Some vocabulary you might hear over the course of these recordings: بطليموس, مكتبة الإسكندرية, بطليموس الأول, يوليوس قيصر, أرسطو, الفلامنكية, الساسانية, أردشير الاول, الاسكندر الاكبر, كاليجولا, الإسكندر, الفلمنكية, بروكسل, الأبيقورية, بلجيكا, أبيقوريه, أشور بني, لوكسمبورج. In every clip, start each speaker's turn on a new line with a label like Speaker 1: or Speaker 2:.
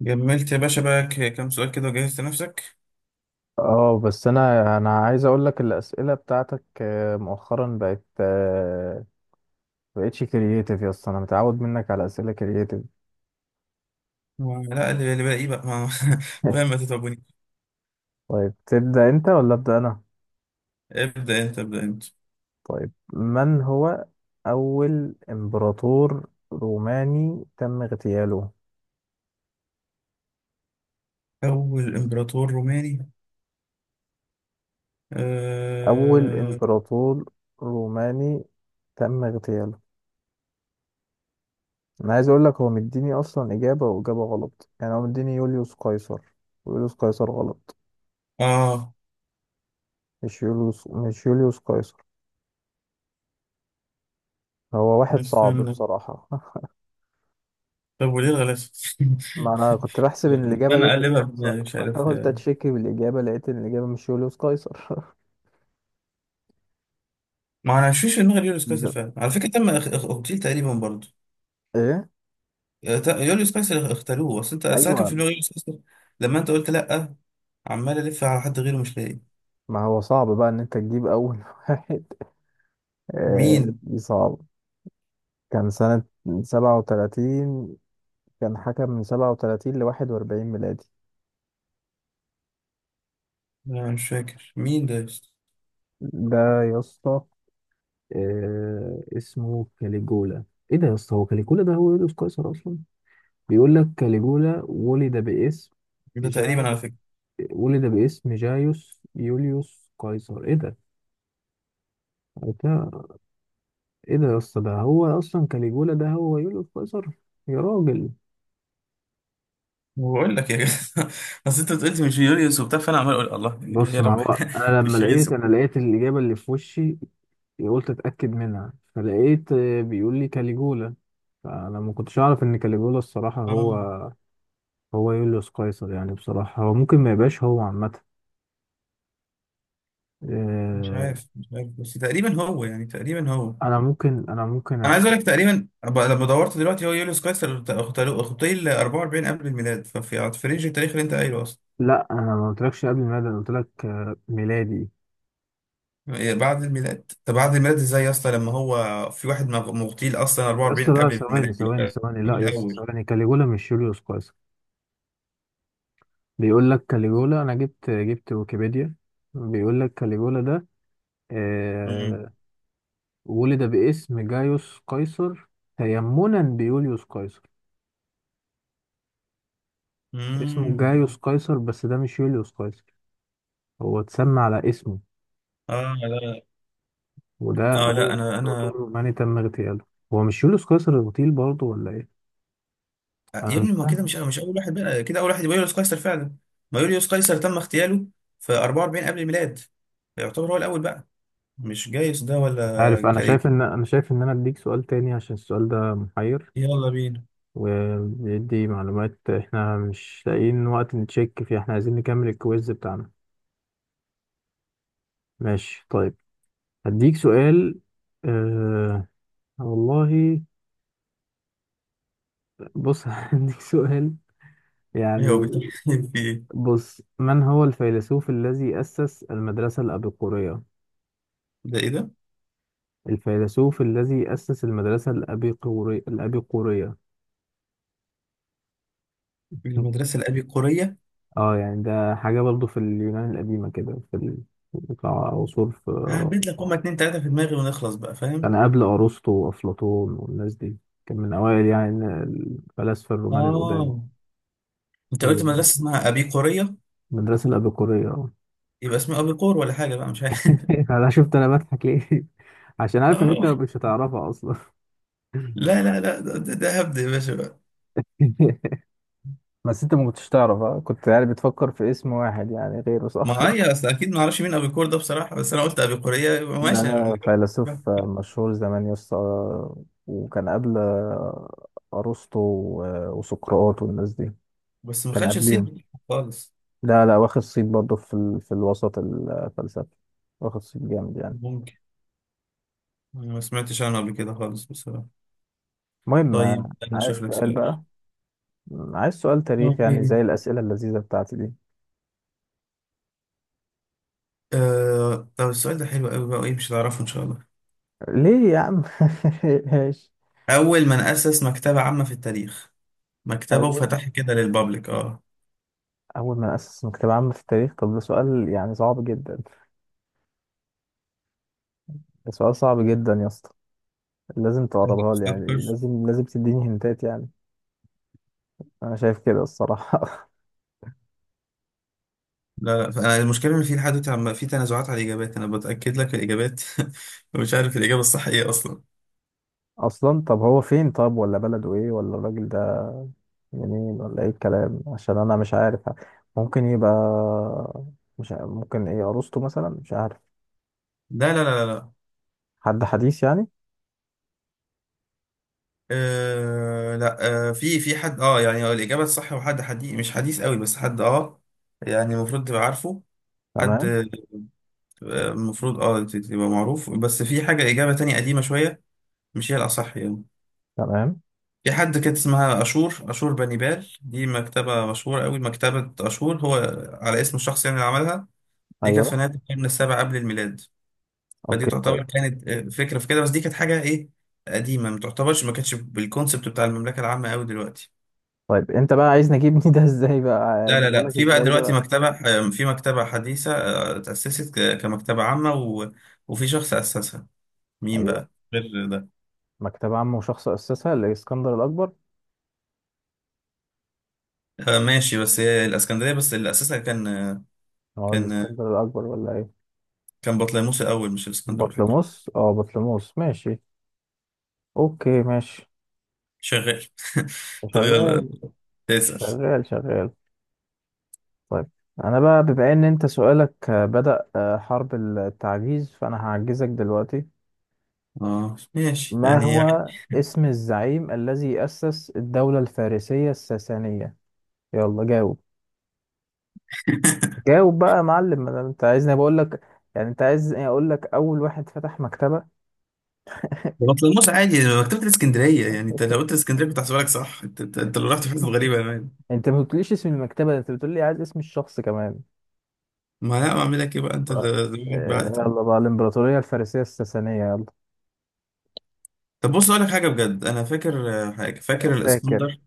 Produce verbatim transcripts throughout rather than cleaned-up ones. Speaker 1: جملت يا باشا بقى ك- كام سؤال كده وجهزت نفسك.
Speaker 2: اه، بس انا انا عايز اقول لك الاسئله بتاعتك، آه، مؤخرا بقت آه، بقتش كرييتيف يا اسطى. انا متعود منك على اسئله كرييتيف.
Speaker 1: و- لا اللي اللي باقي بقى ما فاهم، ما تتعبوني.
Speaker 2: طيب، تبدا انت ولا ابدا انا؟
Speaker 1: ابدأ انت ابدأ انت.
Speaker 2: طيب، من هو اول امبراطور روماني تم اغتياله؟
Speaker 1: أول إمبراطور روماني،
Speaker 2: اول
Speaker 1: آه.
Speaker 2: امبراطور روماني تم اغتياله. انا عايز اقول لك، هو مديني اصلا اجابه واجابه غلط، يعني هو مديني يوليوس قيصر، ويوليوس قيصر غلط.
Speaker 1: آه.
Speaker 2: مش يوليوس مش يوليوس قيصر. هو واحد صعب
Speaker 1: استنى،
Speaker 2: بصراحة.
Speaker 1: طب وليه الغلاسة؟
Speaker 2: ما أنا كنت بحسب إن الإجابة
Speaker 1: استنى
Speaker 2: يوليوس
Speaker 1: أقلبها في
Speaker 2: قيصر،
Speaker 1: دماغي، مش عارف.
Speaker 2: فحاولت أتشكي بالإجابة، لقيت إن الإجابة مش يوليوس قيصر.
Speaker 1: ما أنا مش فيش في دماغي يوليوس قيصر
Speaker 2: جيزة.
Speaker 1: فعلا على فكرة، تم اخ- اخ- اغتيل تقريبا برضه.
Speaker 2: إيه؟
Speaker 1: آه، ت- يوليوس قيصر اختاروه، بس أنت أصل أنا كان في
Speaker 2: أيوة.
Speaker 1: دماغي يوليوس قيصر لما أنت قلت لأ، عمال ألف على حد غيره مش لاقي.
Speaker 2: ما هو صعب بقى إن أنت تجيب أول واحد. آه،
Speaker 1: مين؟
Speaker 2: دي صعب. كان سنة سبعة وتلاتين. كان حكم من سبعة وتلاتين لواحد وأربعين ميلادي.
Speaker 1: أنا مش فاكر مين ده يا اسطى؟
Speaker 2: ده يا اسطى، آه، اسمه كاليجولا. إيه ده يا اسطى، هو كاليجولا ده هو يوليوس قيصر أصلا؟ بيقول لك كاليجولا ولد باسم
Speaker 1: ده
Speaker 2: جاي
Speaker 1: تقريبا على فكرة.
Speaker 2: ولد باسم جايوس يوليوس قيصر. ايه ده؟ ده- ايه ده يا اسطى، ده هو اصلا كاليجولا، ده هو يوليوس قيصر؟ يا راجل.
Speaker 1: بقول لك يا جدع اصل انت قلت مش يوليوس وبتاع، فانا عمال اقول الله
Speaker 2: بص،
Speaker 1: يا
Speaker 2: ما
Speaker 1: رب
Speaker 2: هو
Speaker 1: احنا
Speaker 2: انا لما
Speaker 1: مش يوليوس
Speaker 2: لقيت انا
Speaker 1: وكده.
Speaker 2: لقيت الاجابه اللي في وشي، قلت اتاكد منها، فلقيت آه، بيقول لي كاليجولا. فانا ما كنتش اعرف ان كاليجولا الصراحه هو
Speaker 1: اه
Speaker 2: هو يوليوس قيصر. يعني بصراحه هو ممكن ما يبقاش هو عامه.
Speaker 1: مش
Speaker 2: آه،
Speaker 1: عارف، مش عارف، بس تقريبا هو يعني تقريبا هو.
Speaker 2: انا ممكن انا ممكن
Speaker 1: انا
Speaker 2: أتش...
Speaker 1: عايز اقول لك تقريبا، أب- لما دورت دلوقتي هو يوليوس قيصر، اخطيه ال أربعة وأربعين قبل الميلاد، ففي في رينج التاريخ اللي انت قايله اصلا.
Speaker 2: لا، انا ما قلتلكش قبل ميلادي، انا قلتلك آه، ميلادي.
Speaker 1: يعني بعد الميلاد، طب بعد الميلاد ازاي يا اسطى لما هو في واحد مغ- مغتيل اصلا
Speaker 2: يا
Speaker 1: أربعة وأربعين
Speaker 2: اسطى لا،
Speaker 1: قبل
Speaker 2: ثواني
Speaker 1: الميلاد دي.
Speaker 2: ثواني ثواني، لا
Speaker 1: من
Speaker 2: يا اسطى،
Speaker 1: الاول.
Speaker 2: ثواني. كاليجولا مش جوليوس قيصر. بيقول لك كاليجولا، انا جبت جبت ويكيبيديا. بيقول لك كاليجولا ده
Speaker 1: امم.
Speaker 2: آه ولد باسم جايوس قيصر تيمنا بيوليوس قيصر. اسمه
Speaker 1: امم.
Speaker 2: جايوس قيصر، بس ده مش يوليوس قيصر، هو اتسمى على اسمه.
Speaker 1: اه لا،
Speaker 2: وده
Speaker 1: اه لا،
Speaker 2: اول
Speaker 1: انا
Speaker 2: امبراطور
Speaker 1: انا
Speaker 2: روماني تم اغتياله. هو مش يوليوس قيصر اغتيل برضه ولا ايه؟
Speaker 1: آه،
Speaker 2: انا
Speaker 1: يا
Speaker 2: مش
Speaker 1: ابني، ما كده
Speaker 2: فاهم.
Speaker 1: مش انا مش اول واحد، بقى كده اول واحد يبقى يوليوس قيصر فعلا. ما يوليوس قيصر تم اغتياله في أربعة وأربعين قبل الميلاد، يعتبر هو الاول بقى، مش جايوس ده
Speaker 2: مش عارف،
Speaker 1: ولا
Speaker 2: انا
Speaker 1: كاري.
Speaker 2: شايف ان، انا شايف ان انا اديك سؤال تاني عشان السؤال ده محير
Speaker 1: يلا بينا.
Speaker 2: وبيدي معلومات احنا مش لاقيين وقت نتشيك فيه، احنا عايزين نكمل الكويز بتاعنا. ماشي طيب، هديك سؤال. اه، والله. بص، هديك سؤال
Speaker 1: ايه هو
Speaker 2: يعني.
Speaker 1: بيتكلم في ايه؟
Speaker 2: بص، من هو الفيلسوف الذي أسس المدرسة الأبيقورية؟
Speaker 1: ده ايه ده؟
Speaker 2: الفيلسوف الذي أسس المدرسة الأبيقوري الأبيقورية.
Speaker 1: المدرسه الابي قوريه؟
Speaker 2: اه، يعني ده حاجة برضو في اليونان القديمة كده، في ال- بتاع عصور في.
Speaker 1: ههبد لك، هما اتنين تلاته في دماغي ونخلص بقى، فاهم؟
Speaker 2: كان قبل أرسطو وأفلاطون والناس دي. كان من أوائل يعني الفلاسفة الرومان القدام.
Speaker 1: اه. انت قلت
Speaker 2: اليوم
Speaker 1: مدرسه اسمها ابي قوريه،
Speaker 2: المدرسة الأبيقورية، اه.
Speaker 1: يبقى اسمها ابي قور ولا حاجه بقى، مش عارف.
Speaker 2: أنا شفت أنا بضحك ليه؟ عشان عارف إن أنت
Speaker 1: اه
Speaker 2: مش هتعرفها أصلا.
Speaker 1: لا لا لا، ده, ده ده هبد يا باشا.
Speaker 2: بس انت ما كنتش تعرف، ها؟ كنت يعني بتفكر في اسم واحد يعني غيره، صح؟
Speaker 1: ما هي اصل اكيد ما اعرفش مين ابيكور ده بصراحه، بس انا قلت ابيقوريه يبقى
Speaker 2: ده
Speaker 1: ماشي.
Speaker 2: فيلسوف مشهور زمان يا اسطى، وكان قبل ارسطو و- وسقراط والناس دي.
Speaker 1: بس ما
Speaker 2: كان
Speaker 1: خدش الصيت
Speaker 2: قبلهم.
Speaker 1: بتاعها خالص.
Speaker 2: لا لا، واخد صيت برضه في ال... في الوسط الفلسفي. واخد صيت جامد يعني.
Speaker 1: ممكن. أنا ما سمعتش عنه قبل كده خالص بصراحه.
Speaker 2: المهم،
Speaker 1: طيب
Speaker 2: آه،
Speaker 1: انا
Speaker 2: عايز
Speaker 1: شايف لك
Speaker 2: سؤال
Speaker 1: سؤال.
Speaker 2: بقى. م، عايز سؤال تاريخ يعني، زي
Speaker 1: اوكي.
Speaker 2: الأسئلة اللذيذة بتاعتي دي.
Speaker 1: آه... طب السؤال ده حلو قوي بقى، وايه مش هتعرفه ان شاء الله.
Speaker 2: ليه يا عم؟ ماشي.
Speaker 1: اول من اسس مكتبه عامه في التاريخ، مكتبه
Speaker 2: أول،
Speaker 1: وفتحها كده للبابليك. اه.
Speaker 2: أول ما أسس مكتبة عامة في التاريخ؟ طب ده سؤال يعني صعب جدا. ده سؤال صعب جدا يا اسطى. لازم
Speaker 1: لا،
Speaker 2: تقربها لي
Speaker 1: لا
Speaker 2: يعني،
Speaker 1: أفكر.
Speaker 2: لازم لازم تديني هنتات يعني. أنا شايف كده الصراحة.
Speaker 1: لا لا، فأنا المشكله ان في لحد دلوقتي عم- في تنازعات على الاجابات، انا بتاكد لك الاجابات ومش عارف الاجابه الصح ايه اصلا.
Speaker 2: اصلا طب هو فين، طب ولا بلده ايه، ولا الراجل ده منين، ولا ايه الكلام؟ عشان انا مش عارف. ممكن يبقى مش عارف. ممكن ايه، عروسته مثلا، مش عارف.
Speaker 1: لا لا لا لا.
Speaker 2: حد حديث يعني.
Speaker 1: آه لا، آه في في حد اه، يعني هو الإجابة الصح هو حد حديث، مش حديث قوي بس حد اه، يعني المفروض تبقى عارفه. حد
Speaker 2: تمام.
Speaker 1: آه، المفروض اه ت- تبقى معروف، بس في حاجة إجابة تانية قديمة شوية، مش هي الأصح يعني.
Speaker 2: تمام.
Speaker 1: في حد كانت اسمها أشور، أشور بني. دي مكتبة مشهورة قوي، مكتبة أشور، هو على اسم الشخص يعني اللي عملها. دي كانت
Speaker 2: ايوه.
Speaker 1: في نهاية القرن السابع قبل الميلاد، فدي
Speaker 2: اوكي طيب.
Speaker 1: تعتبر كانت آه، فكرة في كده، بس دي كانت حاجة إيه، قديمة، ما تعتبرش، ما كانتش بالكونسبت بتاع المملكة العامة قوي دلوقتي.
Speaker 2: طيب انت بقى عايز نجيبني ده ازاي؟ بقى
Speaker 1: لا لا
Speaker 2: اجيبه
Speaker 1: لا،
Speaker 2: لك
Speaker 1: في بقى
Speaker 2: ازاي ده
Speaker 1: دلوقتي
Speaker 2: بقى؟
Speaker 1: مكتبة آه، في مكتبة حديثة آه، اتأسست ك- كمكتبة عامة، و... وفي شخص أسسها، مين
Speaker 2: ايوه.
Speaker 1: بقى غير ده؟
Speaker 2: مكتبة عامة وشخص اسسها، الاسكندر الاكبر.
Speaker 1: آه، ماشي، بس هي الإسكندرية، بس اللي أسسها كان آه،
Speaker 2: هو
Speaker 1: كان آه،
Speaker 2: الاسكندر الاكبر ولا ايه؟
Speaker 1: كان بطليموس الأول مش الإسكندر على فكرة.
Speaker 2: بطليموس، اه بطليموس، ماشي. اوكي ماشي.
Speaker 1: شغال. طب يلا
Speaker 2: شغال.
Speaker 1: تسأل.
Speaker 2: شغال. شغال. طيب، انا بقى بما ان انت سؤالك آه، بدأ آه، حرب التعجيز، فانا هعجزك دلوقتي.
Speaker 1: اه ماشي
Speaker 2: ما
Speaker 1: يعني.
Speaker 2: هو اسم الزعيم الذي أسس الدولة الفارسية الساسانية؟ يلا جاوب. جاوب بقى يا معلم، ما دام انت عايزني بقول لك. يعني انت عايزني اقول لك اول واحد فتح مكتبة؟
Speaker 1: بطليموس عادي مكتبة الإسكندرية، يعني أنت لو قلت الإسكندرية كنت هحسبها لك صح، أنت أنت أنت اللي رحت في حتة غريبة يا مان.
Speaker 2: انت ما قلتليش اسم المكتبة، ده انت بتقول لي عايز اسم الشخص كمان.
Speaker 1: ما لا أعمل لك إيه بقى، أنت
Speaker 2: ف- آه،
Speaker 1: اللي دماغك بعد.
Speaker 2: يلا بقى، الامبراطورية الفارسية الساسانية، يلا.
Speaker 1: طب بص اقول لك حاجه بجد، انا فاكر آه، حاجه، فاكر
Speaker 2: فاكر.
Speaker 1: الاسكندر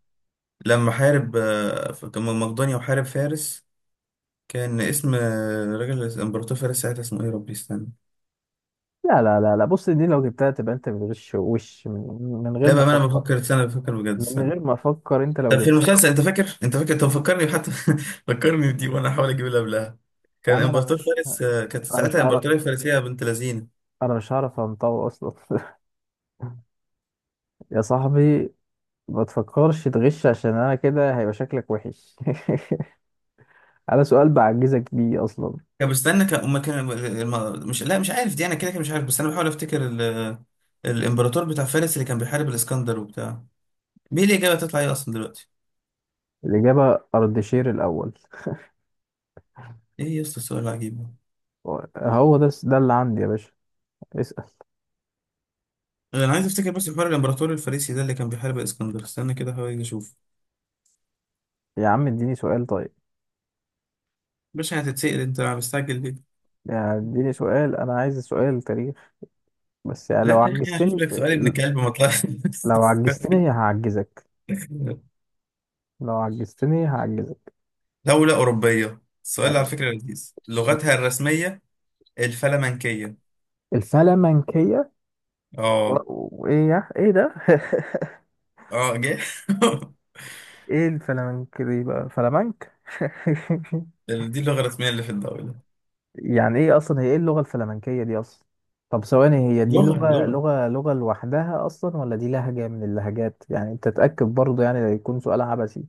Speaker 1: لما حارب آه، في- كان من مقدونيا وحارب فارس. كان اسم آه، راجل الامبراطور فارس ساعتها اسمه ايه، يا ربي استنى.
Speaker 2: لا لا لا لا، بص، دي لو جبتها تبقى انت بتغش، وش من, من غير
Speaker 1: لا بقى، ما انا
Speaker 2: مفكر.
Speaker 1: بفكر، استنى بفكر بجد،
Speaker 2: من
Speaker 1: استنى.
Speaker 2: غير ما افكر، انت لو
Speaker 1: طب في
Speaker 2: جبتها.
Speaker 1: المسلسل انت فاكر، انت فاكر، طب فكرني حتى. فكرني بدي وانا احاول اجيب اللي قبلها.
Speaker 2: يا
Speaker 1: كان
Speaker 2: عم انا
Speaker 1: امبراطور
Speaker 2: مش
Speaker 1: فارس آه، كانت
Speaker 2: انا
Speaker 1: ساعتها
Speaker 2: مش هعرف.
Speaker 1: الامبراطوريه الفارسيه بنت لذينه.
Speaker 2: انا مش هعرف انطوي اصلا. يا صاحبي، ما تفكرش تغش، عشان انا كده هيبقى شكلك وحش على سؤال بعجزك بيه اصلا.
Speaker 1: كان بستنى كان أما كان. الم- مش، لا مش عارف دي، انا كده كده مش عارف، بس انا بحاول افتكر ال- الامبراطور بتاع فارس اللي كان بيحارب الاسكندر وبتاع. مين الإجابة هتطلع إيه أصلا دلوقتي؟
Speaker 2: الاجابه اردشير الاول.
Speaker 1: إيه يا أسطى السؤال العجيب ده؟
Speaker 2: هو ده ده اللي عندي يا باشا. اسال.
Speaker 1: أنا عايز أفتكر بس حوار الإمبراطور الفارسي ده اللي كان بيحارب الإسكندر، استنى كده حاول أشوف.
Speaker 2: يا عم اديني سؤال طيب.
Speaker 1: باشا هتتسأل أنت، أنا مستعجل ليه؟
Speaker 2: يعني اديني سؤال، انا عايز سؤال تاريخ، بس يعني لو
Speaker 1: لا تاريخ، أنا هشوف
Speaker 2: عجزتني،
Speaker 1: لك سؤال ابن كلب ما طلعش.
Speaker 2: لو عجزتني هعجزك. لو عجزتني هعجزك.
Speaker 1: دولة أوروبية، السؤال على فكرة لذيذ، لغتها الرسمية الفلمنكية.
Speaker 2: الفلامنكية. و-
Speaker 1: آه.
Speaker 2: وايه يا، ايه ده؟
Speaker 1: آه جه.
Speaker 2: ايه الفلامنك دي بقى؟ فلامنك.
Speaker 1: دي اللغة الرسمية اللي في الدولة.
Speaker 2: يعني ايه اصلا هي، ايه اللغة الفلامنكية دي اصلا؟ طب ثواني، هي دي
Speaker 1: لغة
Speaker 2: لغة
Speaker 1: لغة.
Speaker 2: لغة لغة لوحدها اصلا، ولا دي لهجة من اللهجات؟ يعني انت تتأكد برضه، يعني لا يكون سؤال عبثي.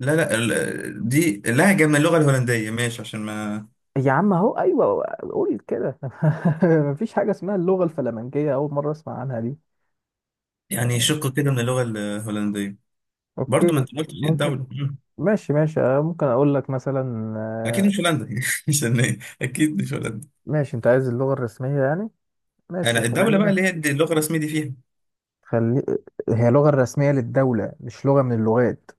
Speaker 1: لا لا، ال- دي لهجة من اللغة الهولندية، ماشي؟ عشان ما،
Speaker 2: يا عم اهو، ايوه، قول كده. مفيش حاجة اسمها اللغة الفلامنكية، اول مرة اسمع عنها دي.
Speaker 1: يعني شق كده من اللغة الهولندية. برضه ما
Speaker 2: اوكي.
Speaker 1: انت قلتش ايه
Speaker 2: ممكن.
Speaker 1: الدولة. مم.
Speaker 2: ماشي ماشي، آه، ممكن اقول لك مثلا،
Speaker 1: اكيد
Speaker 2: آه،
Speaker 1: مش هولندا يعني. عشان ايه اكيد مش هولندا؟
Speaker 2: ماشي، انت عايز اللغة الرسمية يعني؟ ماشي،
Speaker 1: انا الدولة بقى
Speaker 2: خلينا،
Speaker 1: اللي هي دي اللغة الرسمية دي فيها.
Speaker 2: خلي، هي اللغة الرسمية للدولة مش لغة من اللغات.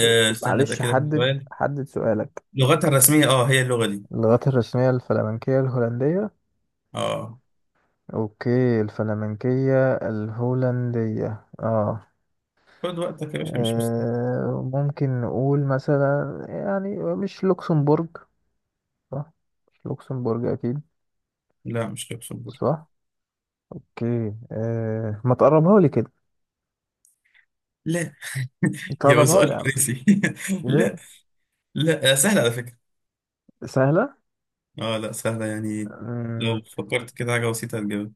Speaker 1: أه استنى
Speaker 2: معلش،
Speaker 1: اتاكد من
Speaker 2: حدد
Speaker 1: السؤال.
Speaker 2: حدد سؤالك.
Speaker 1: لغتها الرسمية اه هي اللغة دي.
Speaker 2: اللغات الرسمية الفلامنكية الهولندية.
Speaker 1: اه.
Speaker 2: اوكي، الفلامنكية الهولندية، اه.
Speaker 1: خد وقتك يا باشا، مش مستني.
Speaker 2: آه، ممكن نقول مثلا، يعني، مش لوكسمبورج، صح؟ مش لوكسمبورج اكيد،
Speaker 1: لا، مش لوكسمبورغ.
Speaker 2: صح. اوكي، آه ما تقربها لي كده،
Speaker 1: لا، يا هو
Speaker 2: تقربها لي
Speaker 1: سؤال
Speaker 2: يا عم.
Speaker 1: فرنسي. لا
Speaker 2: ايه؟
Speaker 1: لا، آه، سهلة على فكرة.
Speaker 2: سهلة.
Speaker 1: اه لا، سهلة يعني. لو فكرت كده حاجة بسيطة هتجيبها.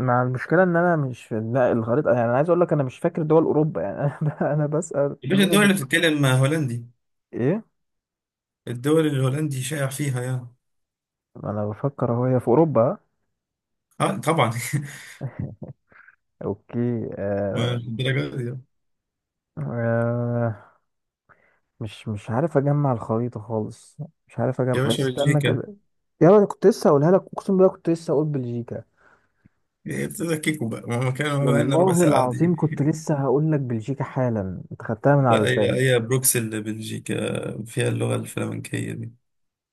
Speaker 2: مع المشكله ان انا مش في، لا الخريطه، يعني انا عايز اقول لك، انا مش فاكر دول اوروبا يعني. انا ب- انا بسال
Speaker 1: يا باشا
Speaker 2: دماغي
Speaker 1: الدول
Speaker 2: بت...
Speaker 1: اللي بتتكلم هولندي،
Speaker 2: ايه.
Speaker 1: الدول اللي الهولندي شائع فيها يعني.
Speaker 2: انا بفكر، هو هي في اوروبا؟
Speaker 1: اه طبعا.
Speaker 2: اوكي.
Speaker 1: ما
Speaker 2: آه...
Speaker 1: مش الدرجة دي.
Speaker 2: آه... مش مش عارف اجمع الخريطه خالص. مش عارف اجمع،
Speaker 1: يا باشا،
Speaker 2: استنى
Speaker 1: بلجيكا.
Speaker 2: كده. يلا، أنا كنت لسه هقولها لك، اقسم بالله كنت لسه هقول بلجيكا.
Speaker 1: هي بتبقى كيكو بقى، ما كان بقى لنا ربع
Speaker 2: والله
Speaker 1: ساعة دي.
Speaker 2: العظيم كنت لسه هقول لك بلجيكا حالا، انت خدتها من على
Speaker 1: لا، هي
Speaker 2: لساني.
Speaker 1: هي بروكسل، بلجيكا فيها اللغة الفلامنكية دي.